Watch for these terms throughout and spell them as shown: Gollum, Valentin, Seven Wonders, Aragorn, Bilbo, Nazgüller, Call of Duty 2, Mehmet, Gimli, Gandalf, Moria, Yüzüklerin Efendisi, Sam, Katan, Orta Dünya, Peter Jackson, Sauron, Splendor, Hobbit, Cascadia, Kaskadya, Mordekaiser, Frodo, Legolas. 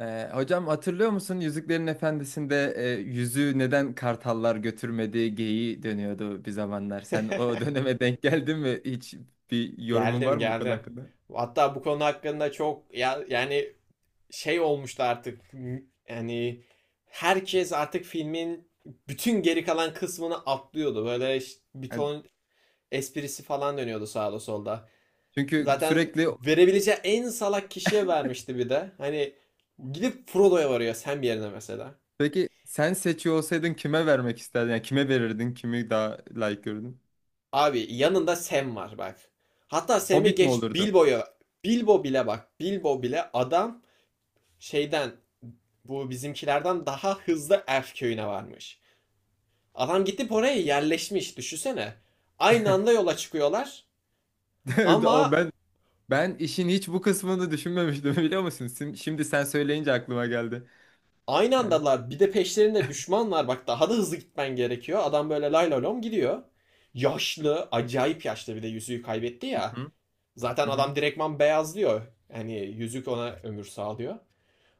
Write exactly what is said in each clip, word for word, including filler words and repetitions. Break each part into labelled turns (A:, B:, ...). A: Ee, hocam hatırlıyor musun Yüzüklerin Efendisi'nde e, yüzüğü neden kartallar götürmedi geyiği dönüyordu bir zamanlar. Sen o döneme denk geldin mi? Hiç bir yorumun var
B: Geldim
A: mı bu konu
B: geldim.
A: hakkında?
B: Hatta bu konu hakkında çok ya, yani şey olmuştu artık. Yani herkes artık filmin bütün geri kalan kısmını atlıyordu. Böyle ş- bir
A: Yani.
B: ton esprisi falan dönüyordu sağda solda.
A: Çünkü
B: Zaten
A: sürekli.
B: verebileceği en salak kişiye vermişti bir de. Hani gidip Frodo'ya varıyor Sam yerine mesela.
A: Peki sen seçiyor olsaydın kime vermek isterdin? Yani kime verirdin? Kimi daha layık görürdün?
B: Abi yanında Sam var bak. Hatta Sam'i
A: Hobbit mi
B: geç
A: olurdu?
B: Bilbo'ya. Bilbo bile bak. Bilbo bile adam şeyden bu bizimkilerden daha hızlı Elf köyüne varmış. Adam gidip oraya yerleşmiş düşünsene. Aynı anda yola çıkıyorlar
A: O
B: ama
A: ben ben işin hiç bu kısmını düşünmemiştim biliyor musun? Sim- Şimdi sen söyleyince aklıma geldi.
B: aynı
A: Yani.
B: andalar, bir de peşlerinde düşman var bak, daha da hızlı gitmen gerekiyor. Adam böyle lay lay lom gidiyor. Yaşlı, acayip yaşlı, bir de yüzüğü kaybetti
A: Hı
B: ya.
A: hı.
B: Zaten
A: Hı hı.
B: adam direktman beyazlıyor. Yani yüzük ona ömür sağlıyor.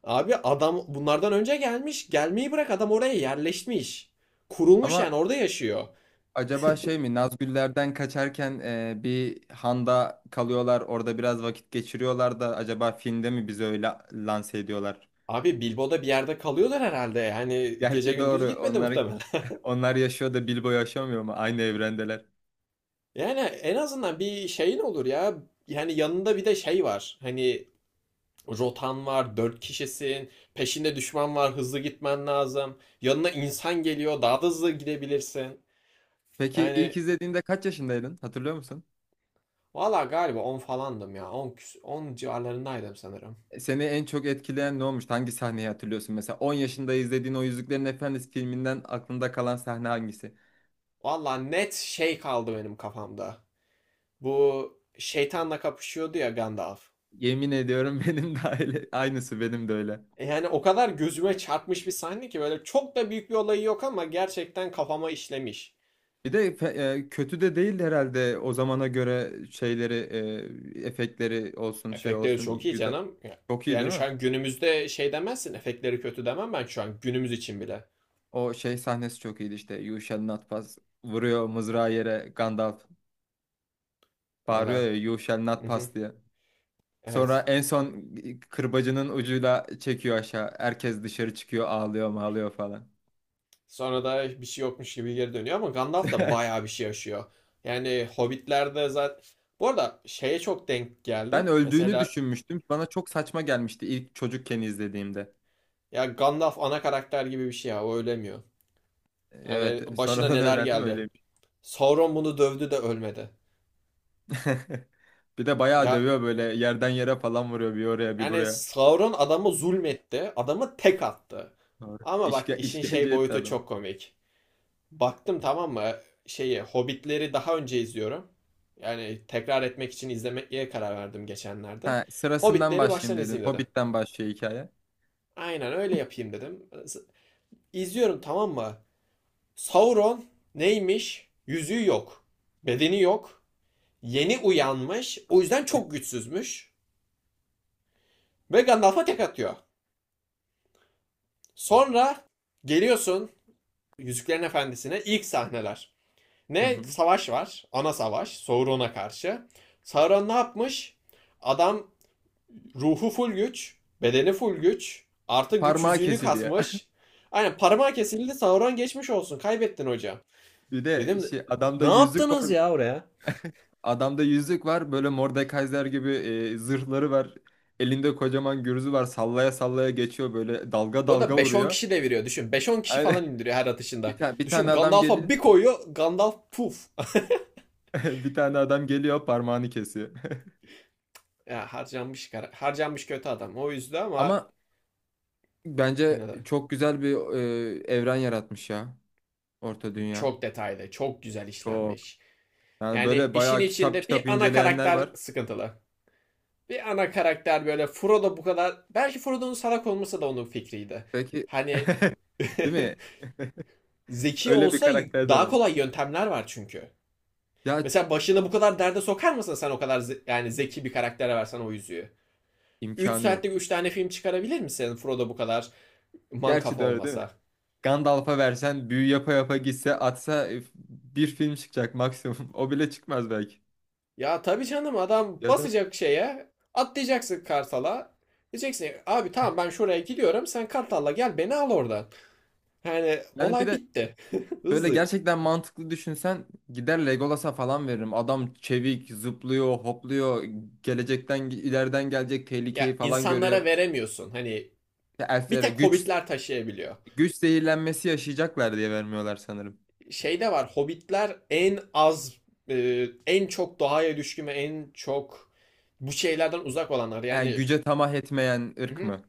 B: Abi adam bunlardan önce gelmiş. Gelmeyi bırak, adam oraya yerleşmiş. Kurulmuş
A: Ama
B: yani, orada yaşıyor.
A: Acaba şey mi Nazgüller'den kaçarken e, bir handa kalıyorlar, orada biraz vakit geçiriyorlar da acaba filmde mi bizi öyle lanse ediyorlar?
B: Abi Bilbo'da bir yerde kalıyorlar herhalde. Yani gece
A: Gerçi
B: gündüz
A: doğru,
B: gitmedi
A: onlar,
B: muhtemelen.
A: onlar yaşıyor da Bilbo yaşamıyor mu? Aynı evrendeler.
B: Yani en azından bir şeyin olur ya. Yani yanında bir de şey var. Hani rotan var, dört kişisin. Peşinde düşman var, hızlı gitmen lazım. Yanına insan geliyor, daha da hızlı gidebilirsin.
A: Peki
B: Yani
A: ilk izlediğinde kaç yaşındaydın, hatırlıyor musun?
B: valla galiba on falandım ya. On on 10 civarlarındaydım sanırım.
A: E, Seni en çok etkileyen ne olmuştu? Hangi sahneyi hatırlıyorsun? Mesela on yaşında izlediğin o Yüzüklerin Efendisi filminden aklında kalan sahne hangisi?
B: Valla net şey kaldı benim kafamda. Bu şeytanla kapışıyordu ya Gandalf.
A: Yemin ediyorum benim de öyle. Aynısı benim de öyle.
B: E Yani o kadar gözüme çarpmış bir sahne ki, böyle çok da büyük bir olayı yok ama gerçekten kafama işlemiş.
A: Bir de fe- e, kötü de değil herhalde, o zamana göre şeyleri, e, efektleri olsun, şey
B: Efektleri
A: olsun
B: çok
A: i-
B: iyi
A: güzel.
B: canım.
A: Çok iyi değil
B: Yani şu
A: mi?
B: an günümüzde şey demezsin, efektleri kötü demem ben şu an günümüz için bile.
A: O şey sahnesi çok iyiydi işte. You shall not pass. Vuruyor mızrağı yere Gandalf. Bağırıyor
B: Öyle.
A: ya "You shall not
B: Hı hı.
A: pass" diye. Sonra
B: Evet.
A: en son kırbacının ucuyla çekiyor aşağı. Herkes dışarı çıkıyor, ağlıyor mağlıyor falan.
B: Sonra da bir şey yokmuş gibi geri dönüyor ama Gandalf da bayağı bir şey yaşıyor. Yani Hobbit'lerde zaten... Bu arada şeye çok denk
A: Ben
B: geldim.
A: öldüğünü
B: Mesela
A: düşünmüştüm. Bana çok saçma gelmişti ilk çocukken izlediğimde.
B: ya Gandalf ana karakter gibi bir şey ya, o ölemiyor.
A: E,
B: Yani
A: Evet,
B: başına
A: sonradan
B: neler
A: öğrendim öyle.
B: geldi. Sauron bunu dövdü de ölmedi.
A: Bir de bayağı
B: Ya
A: dövüyor, böyle yerden yere falan vuruyor, bir oraya bir
B: yani
A: buraya.
B: Sauron adamı zulmetti. Adamı tek attı.
A: Doğru.
B: Ama bak
A: İşke,
B: işin şey
A: işkence etti
B: boyutu
A: adam.
B: çok komik. Baktım, tamam mı? Şeyi Hobbit'leri daha önce izliyorum. Yani tekrar etmek için izlemeye karar verdim geçenlerde.
A: Ha, sırasından
B: Hobbit'leri
A: başlayayım
B: baştan
A: dedin.
B: izleyeyim dedim.
A: Hobbit'ten başlıyor hikaye.
B: Aynen öyle yapayım dedim. İzliyorum, tamam mı? Sauron neymiş? Yüzüğü yok. Bedeni yok. Yeni uyanmış. O yüzden çok güçsüzmüş. Ve Gandalf'a tek atıyor. Sonra geliyorsun Yüzüklerin Efendisi'ne ilk sahneler.
A: Hı
B: Ne
A: hı.
B: savaş var? Ana savaş. Sauron'a karşı. Sauron ne yapmış? Adam ruhu full güç, bedeni full güç, artı güç
A: Parmağı
B: yüzüğünü
A: kesiliyor.
B: kasmış. Aynen parmağı kesildi, Sauron geçmiş olsun. Kaybettin hocam.
A: Bir de
B: Dedim,
A: şey, adamda
B: ne
A: yüzük
B: yaptınız
A: var.
B: ya oraya?
A: Adamda yüzük var. Böyle Mordekaiser gibi e, zırhları var. Elinde kocaman gürzü var. Sallaya sallaya geçiyor, böyle dalga
B: Bu arada
A: dalga
B: beş on
A: vuruyor.
B: kişi deviriyor düşün. Beş on kişi
A: Aynen.
B: falan indiriyor her
A: Bir
B: atışında.
A: tane bir
B: Düşün,
A: tane adam
B: Gandalf'a
A: geliyor.
B: bir koyuyor. Gandalf puf.
A: Bir tane adam geliyor, parmağını kesiyor.
B: Ya harcanmış, harcanmış kötü adam. O yüzden ama
A: Ama
B: yine
A: Bence
B: de
A: çok güzel bir e, evren yaratmış ya, Orta Dünya.
B: çok detaylı, çok güzel
A: Çok.
B: işlenmiş.
A: Yani
B: Yani
A: böyle
B: işin
A: bayağı kitap
B: içinde
A: kitap
B: bir ana
A: inceleyenler
B: karakter
A: var.
B: sıkıntılı. Bir ana karakter böyle Frodo bu kadar... Belki Frodo'nun salak olması da onun fikriydi.
A: Peki
B: Hani
A: değil mi?
B: zeki
A: Öyle bir
B: olsa
A: karakter
B: daha
A: döner.
B: kolay yöntemler var çünkü.
A: Ya,
B: Mesela başını bu kadar derde sokar mısın, sen o kadar ze- yani zeki bir karaktere versen o yüzüğü? Üç
A: imkanı
B: saatte
A: yok.
B: üç tane film çıkarabilir misin Frodo bu kadar
A: Gerçi
B: mankafa
A: de öyle değil mi?
B: olmasa?
A: Gandalf'a versen büyü yapa yapa gitse atsa, e, bir film çıkacak maksimum. O bile çıkmaz belki.
B: Ya tabii canım, adam
A: Ya da
B: basacak şeye atlayacaksın kartala. Diyeceksin, abi tamam ben şuraya gidiyorum, sen kartalla gel beni al oradan. Yani
A: yani bir
B: olay
A: de
B: bitti.
A: şöyle,
B: Hızlı.
A: gerçekten mantıklı düşünsen gider Legolas'a falan veririm. Adam çevik, zıplıyor, hopluyor, gelecekten, ileriden gelecek tehlikeyi
B: Ya
A: falan görüyor.
B: insanlara veremiyorsun. Hani
A: Ya,
B: bir
A: Elflere
B: tek
A: güç
B: hobbitler taşıyabiliyor.
A: güç zehirlenmesi yaşayacaklar diye vermiyorlar sanırım.
B: Şey de var, hobbitler en az e, en çok doğaya düşkün ve en çok bu şeylerden uzak olanlar.
A: Yani
B: Yani
A: güce tamah etmeyen
B: hı
A: ırk
B: hı.
A: mı?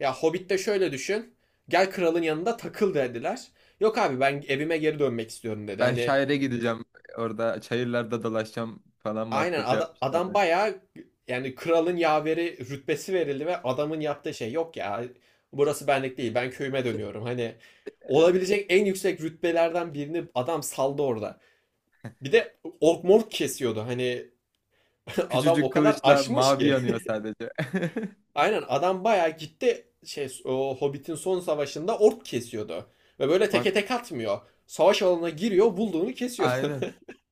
B: Ya Hobbit'te şöyle düşün. Gel kralın yanında takıl dediler. Yok abi, ben evime geri dönmek istiyorum dedi.
A: Ben
B: Hani
A: şaire gideceğim, orada çayırlarda dolaşacağım falan
B: aynen
A: muhabbeti
B: ada- adam
A: yapmışlardı.
B: bayağı, yani kralın yaveri rütbesi verildi ve adamın yaptığı şey yok ya, burası benlik değil, ben köyüme dönüyorum. Hani olabilecek en yüksek rütbelerden birini adam saldı orada. Bir de ork mork kesiyordu hani, adam
A: Küçücük
B: o kadar
A: kılıçla
B: aşmış
A: mavi
B: ki.
A: yanıyor sadece.
B: Aynen adam bayağı gitti şey, o Hobbit'in son savaşında ork kesiyordu. Ve böyle teke
A: Bak.
B: tek atmıyor. Savaş alanına giriyor, bulduğunu kesiyordu.
A: Aynen.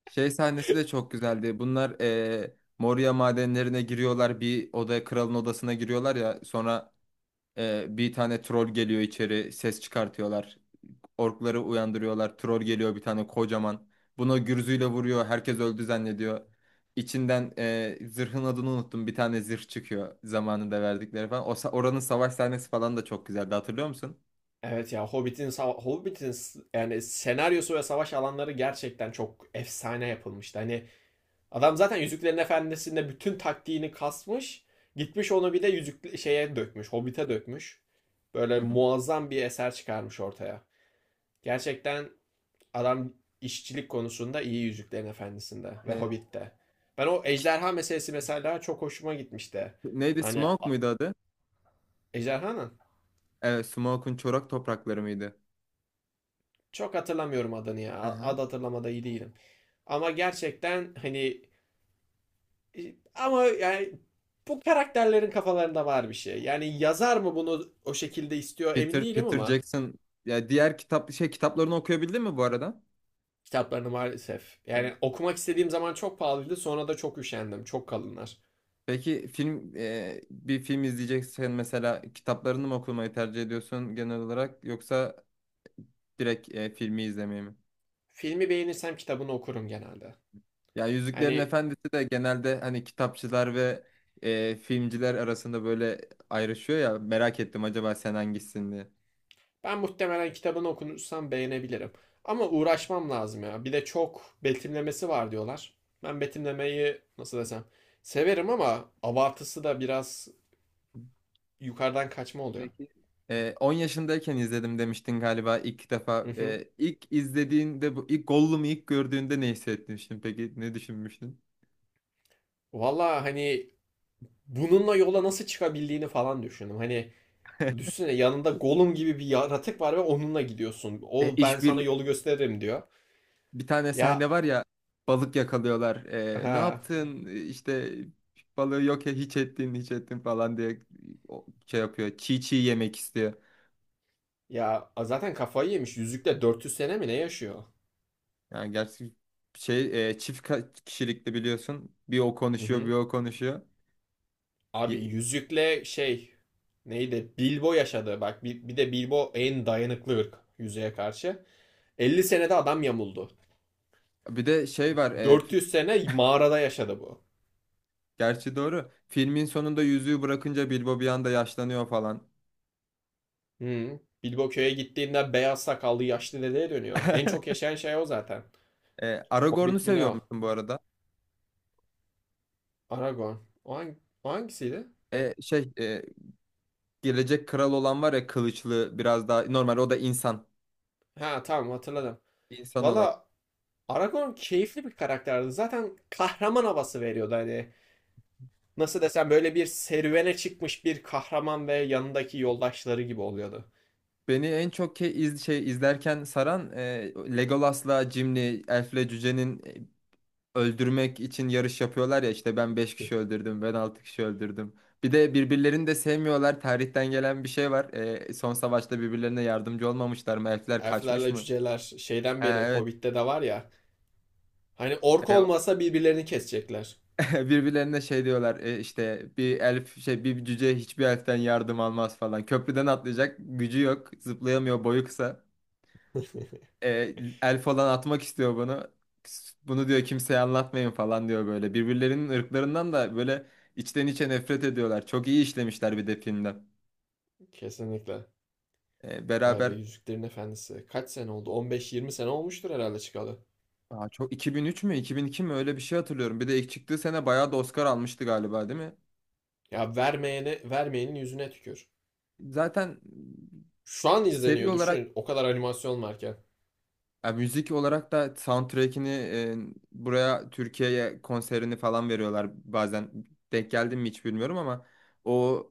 A: Şey sahnesi de çok güzeldi. Bunlar eee Moria madenlerine giriyorlar. Bir odaya, kralın odasına giriyorlar ya. Sonra eee, bir tane troll geliyor içeri. Ses çıkartıyorlar. Orkları uyandırıyorlar. Troll geliyor, bir tane kocaman. Buna gürzüyle vuruyor. Herkes öldü zannediyor. İçinden eee, zırhın adını unuttum. Bir tane zırh çıkıyor, zamanında verdikleri falan. O, sa- oranın savaş sahnesi falan da çok güzeldi. Hatırlıyor musun?
B: Evet ya, Hobbit'in sava- Hobbit'in s- yani senaryosu ve savaş alanları gerçekten çok efsane yapılmıştı. Hani adam zaten Yüzüklerin Efendisi'nde bütün taktiğini kasmış, gitmiş onu bir de yüzük şeye dökmüş, Hobbit'e dökmüş. Böyle
A: Hı hı.
B: muazzam bir eser çıkarmış ortaya. Gerçekten adam işçilik konusunda iyi Yüzüklerin Efendisi'nde ve
A: Eee,
B: Hobbit'te. Ben o ejderha meselesi mesela çok hoşuma gitmişti.
A: neydi?
B: Hani
A: Smoke
B: a-
A: muydu adı?
B: ejderhanın...
A: Evet, Smoke'un çorak toprakları mıydı?
B: Çok hatırlamıyorum adını ya. Ad hatırlamada iyi değilim. Ama gerçekten hani, e, ama yani bu karakterlerin kafalarında var bir şey. Yani yazar mı bunu o şekilde istiyor emin
A: Peter
B: değilim
A: Peter
B: ama
A: Jackson, ya diğer kitap şey kitaplarını okuyabildin mi bu arada?
B: kitaplarını maalesef.
A: Hı
B: Yani
A: hı.
B: okumak istediğim zaman çok pahalıydı. Sonra da çok üşendim. Çok kalınlar.
A: Peki film e, bir film izleyeceksen mesela, kitaplarını mı okumayı tercih ediyorsun genel olarak, yoksa direkt e, filmi izlemeyi mi?
B: Filmi beğenirsem kitabını okurum genelde.
A: Ya Yüzüklerin
B: Hani
A: Efendisi de genelde hani kitapçılar ve e, filmciler arasında böyle ayrışıyor ya, merak ettim acaba sen hangisin diye.
B: ben muhtemelen kitabını okunursam beğenebilirim. Ama uğraşmam lazım ya. Bir de çok betimlemesi var diyorlar. Ben betimlemeyi nasıl desem severim ama abartısı da biraz yukarıdan kaçma oluyor.
A: Peki. Ee, on yaşındayken izledim demiştin galiba ilk defa.
B: Hı hı.
A: Ee, ilk izlediğinde, bu ilk Gollum'u ilk gördüğünde ne hissetmiştin peki? Ne düşünmüştün?
B: Valla hani bununla yola nasıl çıkabildiğini falan düşündüm. Hani düşünsene yanında Gollum gibi bir yaratık var ve onunla gidiyorsun.
A: Ee,
B: O ben
A: iş
B: sana
A: bir
B: yolu gösteririm diyor.
A: bir tane
B: Ya
A: sahne var ya, balık yakalıyorlar. Ee, ne
B: ha
A: yaptın? Ee, işte balığı yok ya, hiç ettin hiç ettin falan diye o- şey yapıyor. Çiğ çiğ yemek istiyor.
B: ya zaten kafayı yemiş. Yüzükle dört yüz sene mi ne yaşıyor?
A: Yani gerçi şey e, çift ka- kişilikli biliyorsun. Bir o
B: Hı
A: konuşuyor,
B: hı.
A: bir o konuşuyor.
B: Abi
A: Ye-
B: yüzükle şey neydi? Bilbo yaşadı. Bak bir, bir de Bilbo en dayanıklı ırk yüzüğe karşı. elli senede adam yamuldu.
A: Bir de şey var.
B: dört yüz sene mağarada yaşadı bu.
A: Gerçi doğru. Filmin sonunda yüzüğü bırakınca Bilbo bir anda yaşlanıyor falan.
B: Hmm. Bilbo köye gittiğinde beyaz sakallı yaşlı dedeye dönüyor. En çok yaşayan şey o zaten.
A: E, Aragorn'u
B: Hobbit mi ne
A: seviyor
B: o?
A: musun bu arada?
B: Aragorn. O, hang- o hangisiydi?
A: E, şey e, gelecek kral olan var ya, kılıçlı, biraz daha normal, o da insan.
B: Ha tamam, hatırladım.
A: İnsan olan.
B: Valla Aragorn keyifli bir karakterdi. Zaten kahraman havası veriyordu hani. Nasıl desem, böyle bir serüvene çıkmış bir kahraman ve yanındaki yoldaşları gibi oluyordu.
A: Beni en çok ke iz şey izlerken saran e, Legolas'la Gimli, Elf'le Cüce'nin e, öldürmek için yarış yapıyorlar ya, işte "ben beş kişi öldürdüm", "ben altı kişi öldürdüm". Bir de birbirlerini de sevmiyorlar. Tarihten gelen bir şey var. E, son savaşta birbirlerine yardımcı olmamışlar mı? Elfler kaçmış
B: Elflerle
A: mı?
B: cüceler şeyden
A: Ha,
B: beri
A: evet.
B: Hobbit'te de var ya. Hani ork
A: E,
B: olmasa birbirlerini kesecekler.
A: Birbirlerine şey diyorlar, e, işte bir elf, şey, bir cüce hiçbir elften yardım almaz falan. Köprüden atlayacak gücü yok. Zıplayamıyor, boyu kısa. E, elf olan atmak istiyor bunu. Bunu diyor, kimseye anlatmayın falan diyor böyle. Birbirlerinin ırklarından da böyle içten içe nefret ediyorlar. Çok iyi işlemişler bir de filmde.
B: Kesinlikle.
A: E,
B: Vay be,
A: beraber
B: Yüzüklerin Efendisi. Kaç sene oldu? on beş yirmi sene olmuştur herhalde çıkalı.
A: Aa, çok iki bin üç mü iki bin iki mi, öyle bir şey hatırlıyorum. Bir de ilk çıktığı sene bayağı da Oscar almıştı galiba, değil mi?
B: Ya vermeyene, vermeyenin yüzüne tükür.
A: Zaten
B: Şu an
A: seri
B: izleniyor
A: olarak.
B: düşünün. O kadar animasyon varken.
A: Ya müzik olarak da soundtrack'ini e, buraya, Türkiye'ye konserini falan veriyorlar bazen. Denk geldim mi hiç bilmiyorum ama o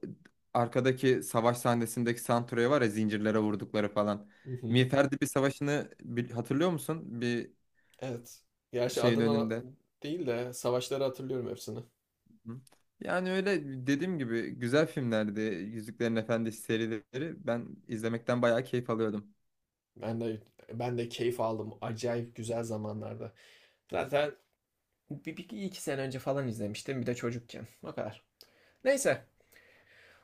A: arkadaki savaş sahnesindeki soundtrack'i var ya, zincirlere vurdukları falan.
B: Hı hı.
A: Miğferdi bir savaşını bil- hatırlıyor musun? Bir
B: Evet. Gerçi
A: şeyin
B: adından
A: önünde.
B: değil de savaşları hatırlıyorum hepsini.
A: Hı. Yani öyle, dediğim gibi güzel filmlerdi. Yüzüklerin Efendisi serileri, ben izlemekten bayağı keyif alıyordum.
B: Ben de ben de keyif aldım. Acayip güzel zamanlarda. Zaten bir, bir iki sene önce falan izlemiştim. Bir de çocukken. O kadar. Neyse.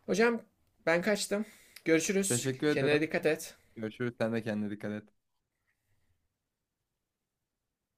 B: Hocam ben kaçtım. Görüşürüz.
A: Teşekkür ederim.
B: Kendine dikkat et.
A: Görüşürüz. Sen de kendine dikkat et.